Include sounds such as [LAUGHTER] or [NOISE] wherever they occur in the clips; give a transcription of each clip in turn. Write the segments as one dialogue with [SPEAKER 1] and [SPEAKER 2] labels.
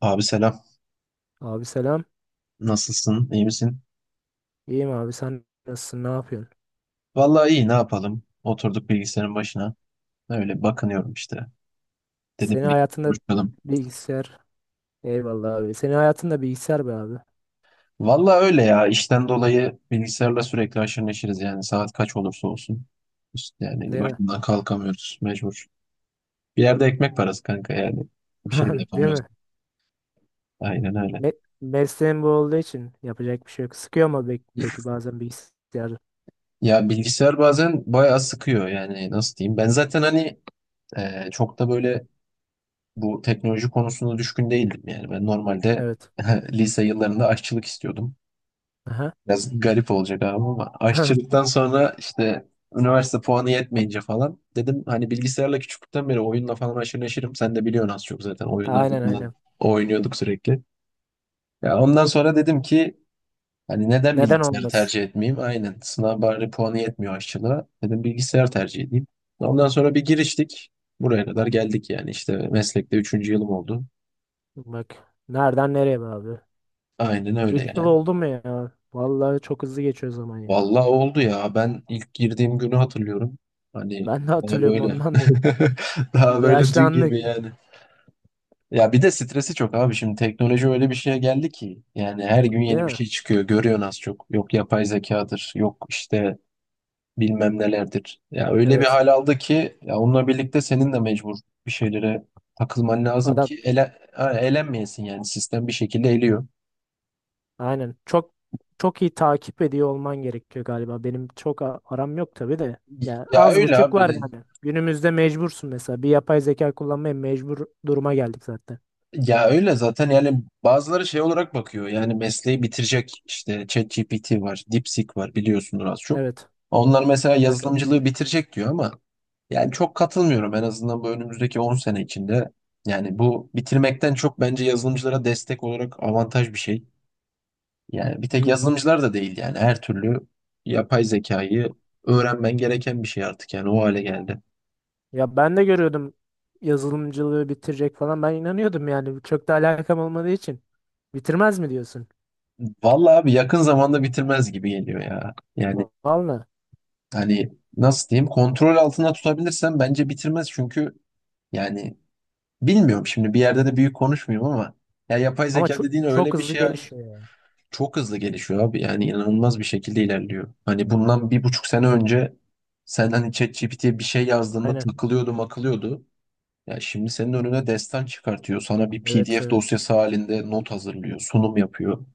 [SPEAKER 1] Abi selam.
[SPEAKER 2] Abi selam.
[SPEAKER 1] Nasılsın? İyi misin?
[SPEAKER 2] İyiyim abi, sen nasılsın, ne yapıyorsun?
[SPEAKER 1] Vallahi iyi ne yapalım? Oturduk bilgisayarın başına. Öyle bakınıyorum işte. Dedim
[SPEAKER 2] Senin
[SPEAKER 1] bir
[SPEAKER 2] hayatında
[SPEAKER 1] konuşalım.
[SPEAKER 2] bilgisayar. Eyvallah abi. Senin hayatında bilgisayar be abi.
[SPEAKER 1] Vallahi öyle ya. İşten dolayı bilgisayarla sürekli haşır neşiriz yani. Saat kaç olursa olsun. İşte yani
[SPEAKER 2] Değil mi?
[SPEAKER 1] başından kalkamıyoruz. Mecbur. Bir yerde ekmek parası kanka yani. Bir şey de
[SPEAKER 2] [LAUGHS] Değil
[SPEAKER 1] yapamıyoruz.
[SPEAKER 2] mi?
[SPEAKER 1] Aynen öyle.
[SPEAKER 2] Me Mesleğin bu olduğu için yapacak bir şey yok. Sıkıyor mu peki bazen bilgisayar?
[SPEAKER 1] Ya bilgisayar bazen bayağı sıkıyor yani nasıl diyeyim. Ben zaten hani çok da böyle bu teknoloji konusunda düşkün değildim yani. Ben normalde
[SPEAKER 2] Evet.
[SPEAKER 1] [LAUGHS] lise yıllarında aşçılık istiyordum.
[SPEAKER 2] Aha.
[SPEAKER 1] Biraz garip olacak abi ama
[SPEAKER 2] [LAUGHS]
[SPEAKER 1] aşçılıktan sonra işte üniversite puanı yetmeyince falan dedim hani bilgisayarla küçüklükten beri oyunla falan aşırı neşirim. Sen de biliyorsun az çok zaten oyunlarda
[SPEAKER 2] Aynen,
[SPEAKER 1] falan
[SPEAKER 2] aynen.
[SPEAKER 1] oynuyorduk sürekli. Ya ondan sonra dedim ki hani neden
[SPEAKER 2] Neden
[SPEAKER 1] bilgisayarı
[SPEAKER 2] olmaz?
[SPEAKER 1] tercih etmeyeyim? Aynen sınav bari puanı yetmiyor aşçılığa. Dedim bilgisayar tercih edeyim. Ondan sonra bir giriştik. Buraya kadar geldik yani işte meslekte üçüncü yılım oldu.
[SPEAKER 2] Bak, nereden nereye be abi?
[SPEAKER 1] Aynen öyle
[SPEAKER 2] 3 yıl
[SPEAKER 1] yani.
[SPEAKER 2] oldu mu ya? Vallahi çok hızlı geçiyor zaman ya.
[SPEAKER 1] Vallahi oldu ya. Ben ilk girdiğim günü hatırlıyorum. Hani
[SPEAKER 2] Ben de
[SPEAKER 1] daha
[SPEAKER 2] hatırlıyorum,
[SPEAKER 1] böyle.
[SPEAKER 2] ondan dedim.
[SPEAKER 1] [LAUGHS] Daha böyle dün
[SPEAKER 2] Yaşlandık.
[SPEAKER 1] gibi yani. Ya bir de stresi çok abi. Şimdi teknoloji öyle bir şeye geldi ki. Yani her gün
[SPEAKER 2] Değil
[SPEAKER 1] yeni bir
[SPEAKER 2] mi?
[SPEAKER 1] şey çıkıyor. Görüyorsun az çok. Yok yapay zekadır. Yok işte bilmem nelerdir. Ya öyle bir
[SPEAKER 2] Evet.
[SPEAKER 1] hal aldı ki ya onunla birlikte senin de mecbur bir şeylere takılman lazım
[SPEAKER 2] Adam.
[SPEAKER 1] ki elenmeyesin yani. Sistem bir şekilde eliyor.
[SPEAKER 2] Aynen. Çok çok iyi takip ediyor olman gerekiyor galiba. Benim çok aram yok tabii de. Yani
[SPEAKER 1] Ya
[SPEAKER 2] az
[SPEAKER 1] öyle
[SPEAKER 2] buçuk var
[SPEAKER 1] abi.
[SPEAKER 2] yani. Günümüzde mecbursun mesela. Bir yapay zeka kullanmaya mecbur duruma geldik zaten.
[SPEAKER 1] Ya öyle zaten yani bazıları şey olarak bakıyor yani mesleği bitirecek işte ChatGPT var, DeepSeek var biliyorsundur az çok.
[SPEAKER 2] Evet.
[SPEAKER 1] Onlar mesela
[SPEAKER 2] Evet, evet.
[SPEAKER 1] yazılımcılığı bitirecek diyor ama yani çok katılmıyorum en azından bu önümüzdeki 10 sene içinde. Yani bu bitirmekten çok bence yazılımcılara destek olarak avantaj bir şey. Yani bir tek
[SPEAKER 2] Hmm.
[SPEAKER 1] yazılımcılar da değil yani her türlü yapay zekayı öğrenmen gereken bir şey artık yani o hale geldi.
[SPEAKER 2] Ya ben de görüyordum yazılımcılığı bitirecek falan. Ben inanıyordum yani. Çok da alakam olmadığı için. Bitirmez mi diyorsun?
[SPEAKER 1] Vallahi abi yakın zamanda bitirmez gibi geliyor ya. Yani
[SPEAKER 2] Vallahi.
[SPEAKER 1] hani nasıl diyeyim kontrol altında tutabilirsem bence bitirmez çünkü yani bilmiyorum şimdi bir yerde de büyük konuşmuyorum ama ya yapay
[SPEAKER 2] Ama
[SPEAKER 1] zeka
[SPEAKER 2] çok
[SPEAKER 1] dediğin
[SPEAKER 2] çok
[SPEAKER 1] öyle bir
[SPEAKER 2] hızlı
[SPEAKER 1] şey hani
[SPEAKER 2] gelişiyor yani.
[SPEAKER 1] çok hızlı gelişiyor abi yani inanılmaz bir şekilde ilerliyor. Hani bundan bir buçuk sene önce sen hani ChatGPT'ye bir şey yazdığında
[SPEAKER 2] Aynen.
[SPEAKER 1] takılıyordu makılıyordu. Ya şimdi senin önüne destan çıkartıyor. Sana bir
[SPEAKER 2] Evet,
[SPEAKER 1] PDF
[SPEAKER 2] evet.
[SPEAKER 1] dosyası halinde not hazırlıyor, sunum yapıyor.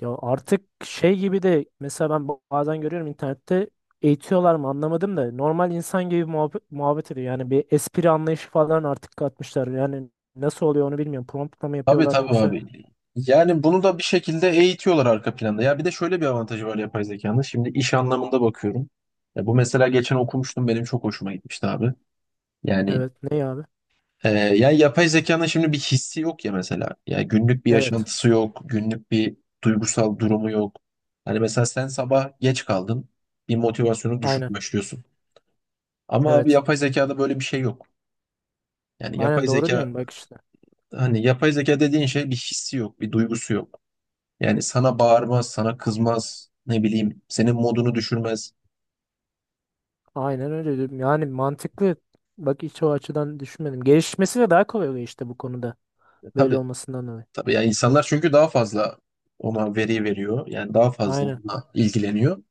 [SPEAKER 2] Ya artık şey gibi de mesela ben bazen görüyorum internette, eğitiyorlar mı anlamadım da normal insan gibi muhabbet ediyor. Yani bir espri anlayışı falan artık katmışlar. Yani nasıl oluyor onu bilmiyorum. Promptla mı
[SPEAKER 1] Tabii
[SPEAKER 2] yapıyorlar,
[SPEAKER 1] tabii
[SPEAKER 2] yoksa
[SPEAKER 1] abi. Yani bunu da bir şekilde eğitiyorlar arka planda. Ya bir de şöyle bir avantajı var yapay zekanın. Şimdi iş anlamında bakıyorum. Ya bu mesela geçen okumuştum benim çok hoşuma gitmişti abi. Yani
[SPEAKER 2] evet ne abi?
[SPEAKER 1] ya yapay zekanın şimdi bir hissi yok ya mesela. Ya günlük bir
[SPEAKER 2] Evet.
[SPEAKER 1] yaşantısı yok, günlük bir duygusal durumu yok. Hani mesela sen sabah geç kaldın, bir motivasyonu düşük
[SPEAKER 2] Aynen.
[SPEAKER 1] başlıyorsun. Ama abi
[SPEAKER 2] Evet.
[SPEAKER 1] yapay zekada böyle bir şey yok. Yani yapay
[SPEAKER 2] Aynen doğru
[SPEAKER 1] zeka
[SPEAKER 2] diyorum bak işte.
[SPEAKER 1] hani yapay zeka dediğin şey bir hissi yok, bir duygusu yok. Yani sana bağırmaz, sana kızmaz, ne bileyim, senin modunu düşürmez.
[SPEAKER 2] Aynen öyle diyorum. Yani mantıklı. Bak, hiç o açıdan düşünmedim. Gelişmesi de daha kolay oluyor işte bu konuda.
[SPEAKER 1] E,
[SPEAKER 2] Böyle
[SPEAKER 1] tabii,
[SPEAKER 2] olmasından dolayı.
[SPEAKER 1] tabii. Yani insanlar çünkü daha fazla ona veri veriyor. Yani daha fazla
[SPEAKER 2] Aynen.
[SPEAKER 1] onunla ilgileniyor.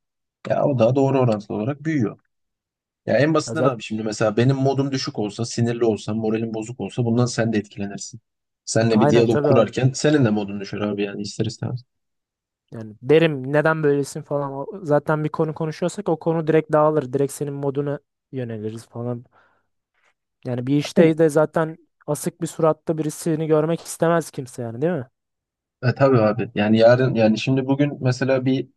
[SPEAKER 1] Ya o da doğru orantılı olarak büyüyor. Ya en
[SPEAKER 2] Ya
[SPEAKER 1] basitinden
[SPEAKER 2] zaten,
[SPEAKER 1] abi şimdi mesela benim modum düşük olsa, sinirli olsam, moralim bozuk olsa bundan sen de etkilenirsin. Seninle bir
[SPEAKER 2] aynen
[SPEAKER 1] diyalog
[SPEAKER 2] tabii abi.
[SPEAKER 1] kurarken senin de modun düşer abi yani ister istemez.
[SPEAKER 2] Yani derim neden böylesin falan. Zaten bir konu konuşuyorsak o konu direkt dağılır. Direkt senin moduna yöneliriz falan. Yani bir
[SPEAKER 1] Aynen.
[SPEAKER 2] işte de zaten asık bir suratta birisini görmek istemez kimse yani, değil mi?
[SPEAKER 1] E tabii abi. Yani yarın yani şimdi bugün mesela bir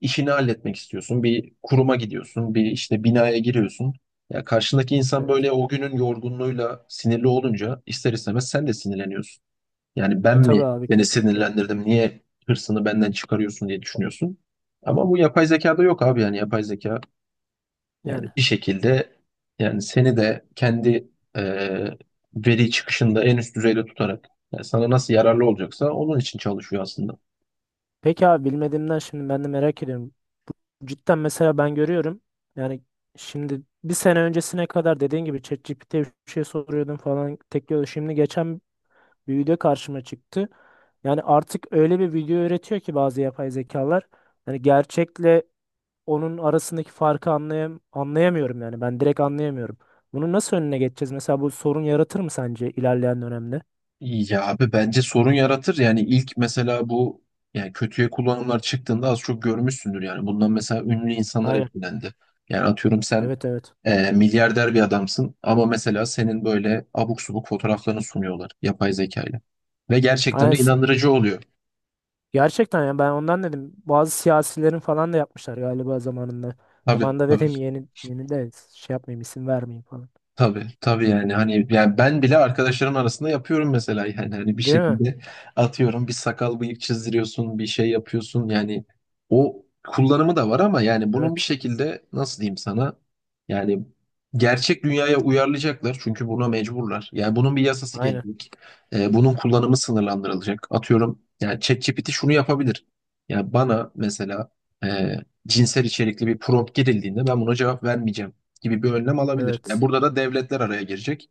[SPEAKER 1] işini halletmek istiyorsun. Bir kuruma gidiyorsun, bir işte binaya giriyorsun. Ya karşındaki insan
[SPEAKER 2] Evet.
[SPEAKER 1] böyle o günün yorgunluğuyla sinirli olunca ister istemez sen de sinirleniyorsun. Yani
[SPEAKER 2] E
[SPEAKER 1] ben
[SPEAKER 2] tabii
[SPEAKER 1] mi
[SPEAKER 2] abi,
[SPEAKER 1] beni
[SPEAKER 2] kesinlikle.
[SPEAKER 1] sinirlendirdim, niye hırsını benden çıkarıyorsun diye düşünüyorsun. Ama bu yapay zekada yok abi yani yapay zeka yani
[SPEAKER 2] Yani.
[SPEAKER 1] bir şekilde yani seni de kendi e, veri çıkışında en üst düzeyde tutarak yani sana nasıl yararlı olacaksa onun için çalışıyor aslında.
[SPEAKER 2] Peki abi, bilmediğimden şimdi ben de merak ediyorum. Cidden mesela ben görüyorum. Yani şimdi bir sene öncesine kadar dediğin gibi ChatGPT'ye bir şey soruyordum falan. Tek yolu. Şimdi geçen bir video karşıma çıktı. Yani artık öyle bir video üretiyor ki bazı yapay zekalar. Yani gerçekle onun arasındaki farkı anlayamıyorum yani. Ben direkt anlayamıyorum. Bunu nasıl önüne geçeceğiz? Mesela bu sorun yaratır mı sence ilerleyen dönemde?
[SPEAKER 1] Ya abi bence sorun yaratır. Yani ilk mesela bu yani kötüye kullanımlar çıktığında az çok görmüşsündür. Yani bundan mesela ünlü insanlar
[SPEAKER 2] Aynen.
[SPEAKER 1] etkilendi. Yani atıyorum sen
[SPEAKER 2] Evet, evet.
[SPEAKER 1] milyarder bir adamsın ama mesela senin böyle abuk subuk fotoğraflarını sunuyorlar yapay zekayla. Ve
[SPEAKER 2] Aynen.
[SPEAKER 1] gerçekten de inandırıcı oluyor.
[SPEAKER 2] Gerçekten yani ben ondan dedim. Bazı siyasilerin falan da yapmışlar galiba zamanında.
[SPEAKER 1] Tabii
[SPEAKER 2] Zamanında
[SPEAKER 1] tabii.
[SPEAKER 2] dedim, yeni yeni de şey yapmayayım, isim vermeyeyim falan.
[SPEAKER 1] Tabii tabii yani hani yani ben bile arkadaşlarım arasında yapıyorum mesela yani hani bir
[SPEAKER 2] Değil mi?
[SPEAKER 1] şekilde atıyorum bir sakal bıyık çizdiriyorsun bir şey yapıyorsun yani o kullanımı da var ama yani bunun bir
[SPEAKER 2] Evet.
[SPEAKER 1] şekilde nasıl diyeyim sana yani gerçek dünyaya uyarlayacaklar çünkü buna mecburlar yani bunun bir yasası
[SPEAKER 2] Aynen.
[SPEAKER 1] gelecek. Bunun kullanımı sınırlandırılacak atıyorum yani ChatGPT şunu yapabilir yani bana mesela e, cinsel içerikli bir prompt girildiğinde ben buna cevap vermeyeceğim gibi bir önlem alabilir. Yani
[SPEAKER 2] Evet.
[SPEAKER 1] burada da devletler araya girecek.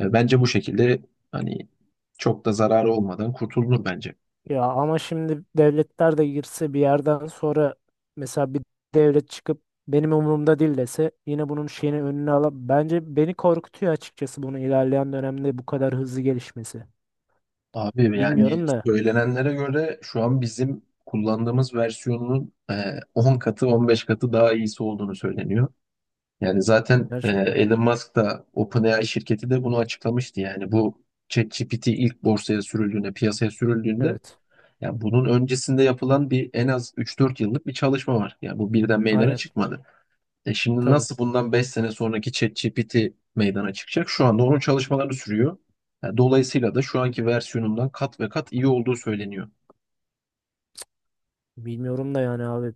[SPEAKER 1] E, bence bu şekilde hani çok da zararı olmadan kurtulunur bence.
[SPEAKER 2] Ya ama şimdi devletler de girse bir yerden sonra mesela bir devlet çıkıp benim umurumda değil dese, yine bunun şeyini önüne alıp, bence beni korkutuyor açıkçası bunu ilerleyen dönemde bu kadar hızlı gelişmesi.
[SPEAKER 1] Abi yani
[SPEAKER 2] Bilmiyorum da
[SPEAKER 1] söylenenlere göre şu an bizim kullandığımız versiyonunun 10 katı 15 katı daha iyisi olduğunu söyleniyor. Yani zaten
[SPEAKER 2] gerçekten.
[SPEAKER 1] Elon Musk da OpenAI şirketi de bunu açıklamıştı. Yani bu ChatGPT ilk borsaya sürüldüğünde, piyasaya sürüldüğünde
[SPEAKER 2] Evet.
[SPEAKER 1] yani bunun öncesinde yapılan bir en az 3-4 yıllık bir çalışma var. Yani bu birden meydana
[SPEAKER 2] Aynen.
[SPEAKER 1] çıkmadı. E şimdi
[SPEAKER 2] Tabii.
[SPEAKER 1] nasıl bundan 5 sene sonraki ChatGPT meydana çıkacak? Şu anda onun çalışmaları sürüyor. Yani dolayısıyla da şu anki versiyonundan kat ve kat iyi olduğu söyleniyor.
[SPEAKER 2] Bilmiyorum da yani abi.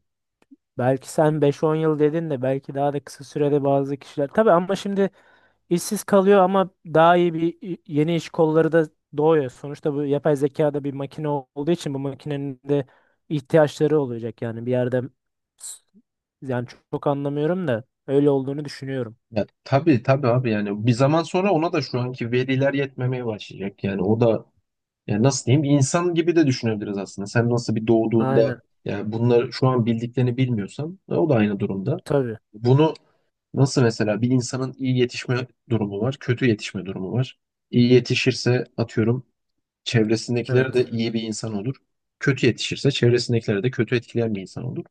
[SPEAKER 2] Belki sen beş on yıl dedin de belki daha da kısa sürede bazı kişiler. Tabii ama şimdi İşsiz kalıyor ama daha iyi bir yeni iş kolları da doğuyor. Sonuçta bu yapay zeka da bir makine olduğu için bu makinenin de ihtiyaçları olacak yani bir yerde s- yani çok anlamıyorum da öyle olduğunu düşünüyorum.
[SPEAKER 1] Ya tabii tabii abi yani bir zaman sonra ona da şu anki veriler yetmemeye başlayacak. Yani o da yani nasıl diyeyim? İnsan gibi de düşünebiliriz aslında. Sen nasıl bir doğduğunda
[SPEAKER 2] Aynen.
[SPEAKER 1] yani bunları şu an bildiklerini bilmiyorsan o da aynı durumda.
[SPEAKER 2] Tabii.
[SPEAKER 1] Bunu nasıl mesela bir insanın iyi yetişme durumu var, kötü yetişme durumu var. İyi yetişirse atıyorum çevresindekiler de
[SPEAKER 2] Evet.
[SPEAKER 1] iyi bir insan olur. Kötü yetişirse çevresindekileri de kötü etkileyen bir insan olur.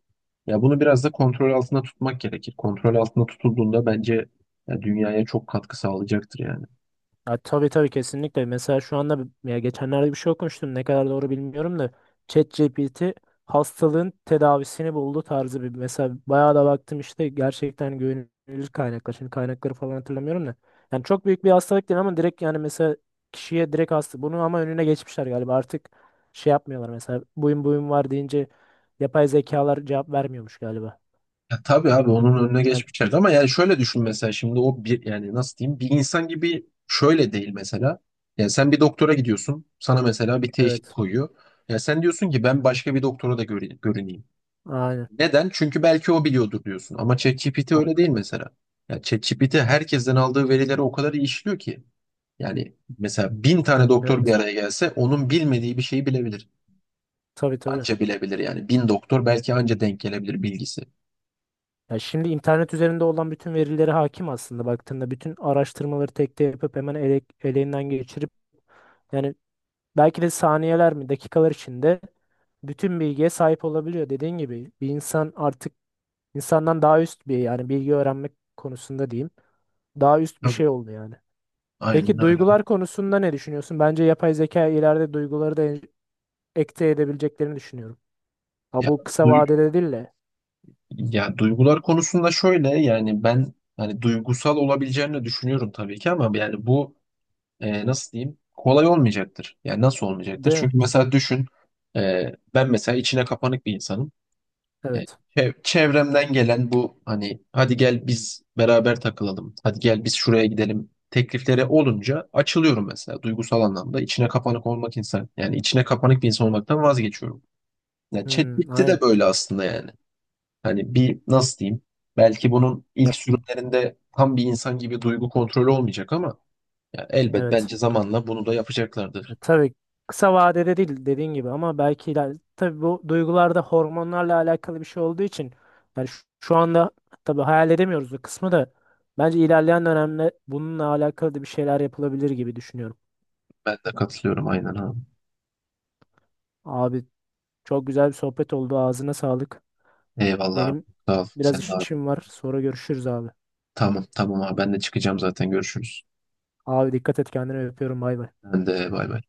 [SPEAKER 1] Ya bunu biraz da kontrol altında tutmak gerekir. Kontrol altında tutulduğunda bence ya, dünyaya çok katkı sağlayacaktır yani.
[SPEAKER 2] Ya tabii tabii, kesinlikle. Mesela şu anda ya geçenlerde bir şey okumuştum. Ne kadar doğru bilmiyorum da ChatGPT hastalığın tedavisini buldu tarzı bir, mesela bayağı da baktım işte, gerçekten güvenilir kaynaklar. Şimdi kaynakları falan hatırlamıyorum da. Yani çok büyük bir hastalık değil ama direkt yani mesela kişiye direkt hasta. Bunu ama önüne geçmişler galiba. Artık şey yapmıyorlar, mesela buyum buyum var deyince yapay zekalar cevap vermiyormuş galiba.
[SPEAKER 1] Ya tabii abi onun önüne
[SPEAKER 2] Yani
[SPEAKER 1] geçmişler ama yani şöyle düşün mesela şimdi o bir yani nasıl diyeyim bir insan gibi şöyle değil mesela. Yani sen bir doktora gidiyorsun sana mesela bir teşhis
[SPEAKER 2] evet.
[SPEAKER 1] koyuyor. Ya sen diyorsun ki ben başka bir doktora da görüneyim.
[SPEAKER 2] Aynen.
[SPEAKER 1] Neden? Çünkü belki o biliyordur diyorsun ama ChatGPT
[SPEAKER 2] a-
[SPEAKER 1] öyle değil mesela. Ya ChatGPT herkesten aldığı verileri o kadar iyi işliyor ki. Yani mesela bin tane doktor bir
[SPEAKER 2] Evet.
[SPEAKER 1] araya gelse onun bilmediği bir şeyi bilebilir.
[SPEAKER 2] Tabii, tabii.
[SPEAKER 1] Anca bilebilir yani bin doktor belki anca denk gelebilir bilgisi.
[SPEAKER 2] Ya şimdi internet üzerinde olan bütün verilere hakim aslında, baktığında bütün araştırmaları tek tek yapıp hemen eleğinden geçirip yani belki de saniyeler mi dakikalar içinde bütün bilgiye sahip olabiliyor. Dediğin gibi bir insan artık, insandan daha üst bir, yani bilgi öğrenmek konusunda diyeyim, daha üst bir
[SPEAKER 1] Tabii,
[SPEAKER 2] şey oldu yani.
[SPEAKER 1] aynen
[SPEAKER 2] Peki
[SPEAKER 1] öyle.
[SPEAKER 2] duygular konusunda ne düşünüyorsun? Bence yapay zeka ileride duyguları da ekte edebileceklerini düşünüyorum. Ha
[SPEAKER 1] Ya,
[SPEAKER 2] bu kısa
[SPEAKER 1] duy-
[SPEAKER 2] vadede değil de,
[SPEAKER 1] ya duygular konusunda şöyle yani ben hani duygusal olabileceğini düşünüyorum tabii ki ama yani bu nasıl diyeyim kolay olmayacaktır. Yani nasıl olmayacaktır?
[SPEAKER 2] değil mi?
[SPEAKER 1] Çünkü mesela düşün ben mesela içine kapanık bir insanım. E,
[SPEAKER 2] Evet.
[SPEAKER 1] Çevremden gelen bu hani hadi gel biz beraber takılalım, hadi gel biz şuraya gidelim tekliflere olunca açılıyorum mesela duygusal anlamda. İçine kapanık olmak insan yani içine kapanık bir insan olmaktan vazgeçiyorum. Ya
[SPEAKER 2] Hmm,
[SPEAKER 1] ChatGPT de
[SPEAKER 2] aynen.
[SPEAKER 1] böyle aslında yani. Hani bir nasıl diyeyim? Belki bunun ilk
[SPEAKER 2] Yap-
[SPEAKER 1] sürümlerinde tam bir insan gibi duygu kontrolü olmayacak ama ya elbet
[SPEAKER 2] Evet.
[SPEAKER 1] bence zamanla bunu da
[SPEAKER 2] E
[SPEAKER 1] yapacaklardır.
[SPEAKER 2] tabii, kısa vadede değil dediğin gibi ama belki tabii bu duygularda hormonlarla alakalı bir şey olduğu için yani şu anda tabii hayal edemiyoruz o kısmı da, bence ilerleyen dönemde bununla alakalı da bir şeyler yapılabilir gibi düşünüyorum.
[SPEAKER 1] Ben de katılıyorum aynen abi.
[SPEAKER 2] Abi çok güzel bir sohbet oldu, ağzına sağlık.
[SPEAKER 1] Eyvallah abi.
[SPEAKER 2] Benim
[SPEAKER 1] Sağ ol.
[SPEAKER 2] biraz
[SPEAKER 1] Sen de abi.
[SPEAKER 2] işim var, sonra görüşürüz abi.
[SPEAKER 1] Tamam tamam abi ben de çıkacağım zaten görüşürüz.
[SPEAKER 2] Abi dikkat et kendine, öpüyorum, bay bay.
[SPEAKER 1] Ben de bay bay.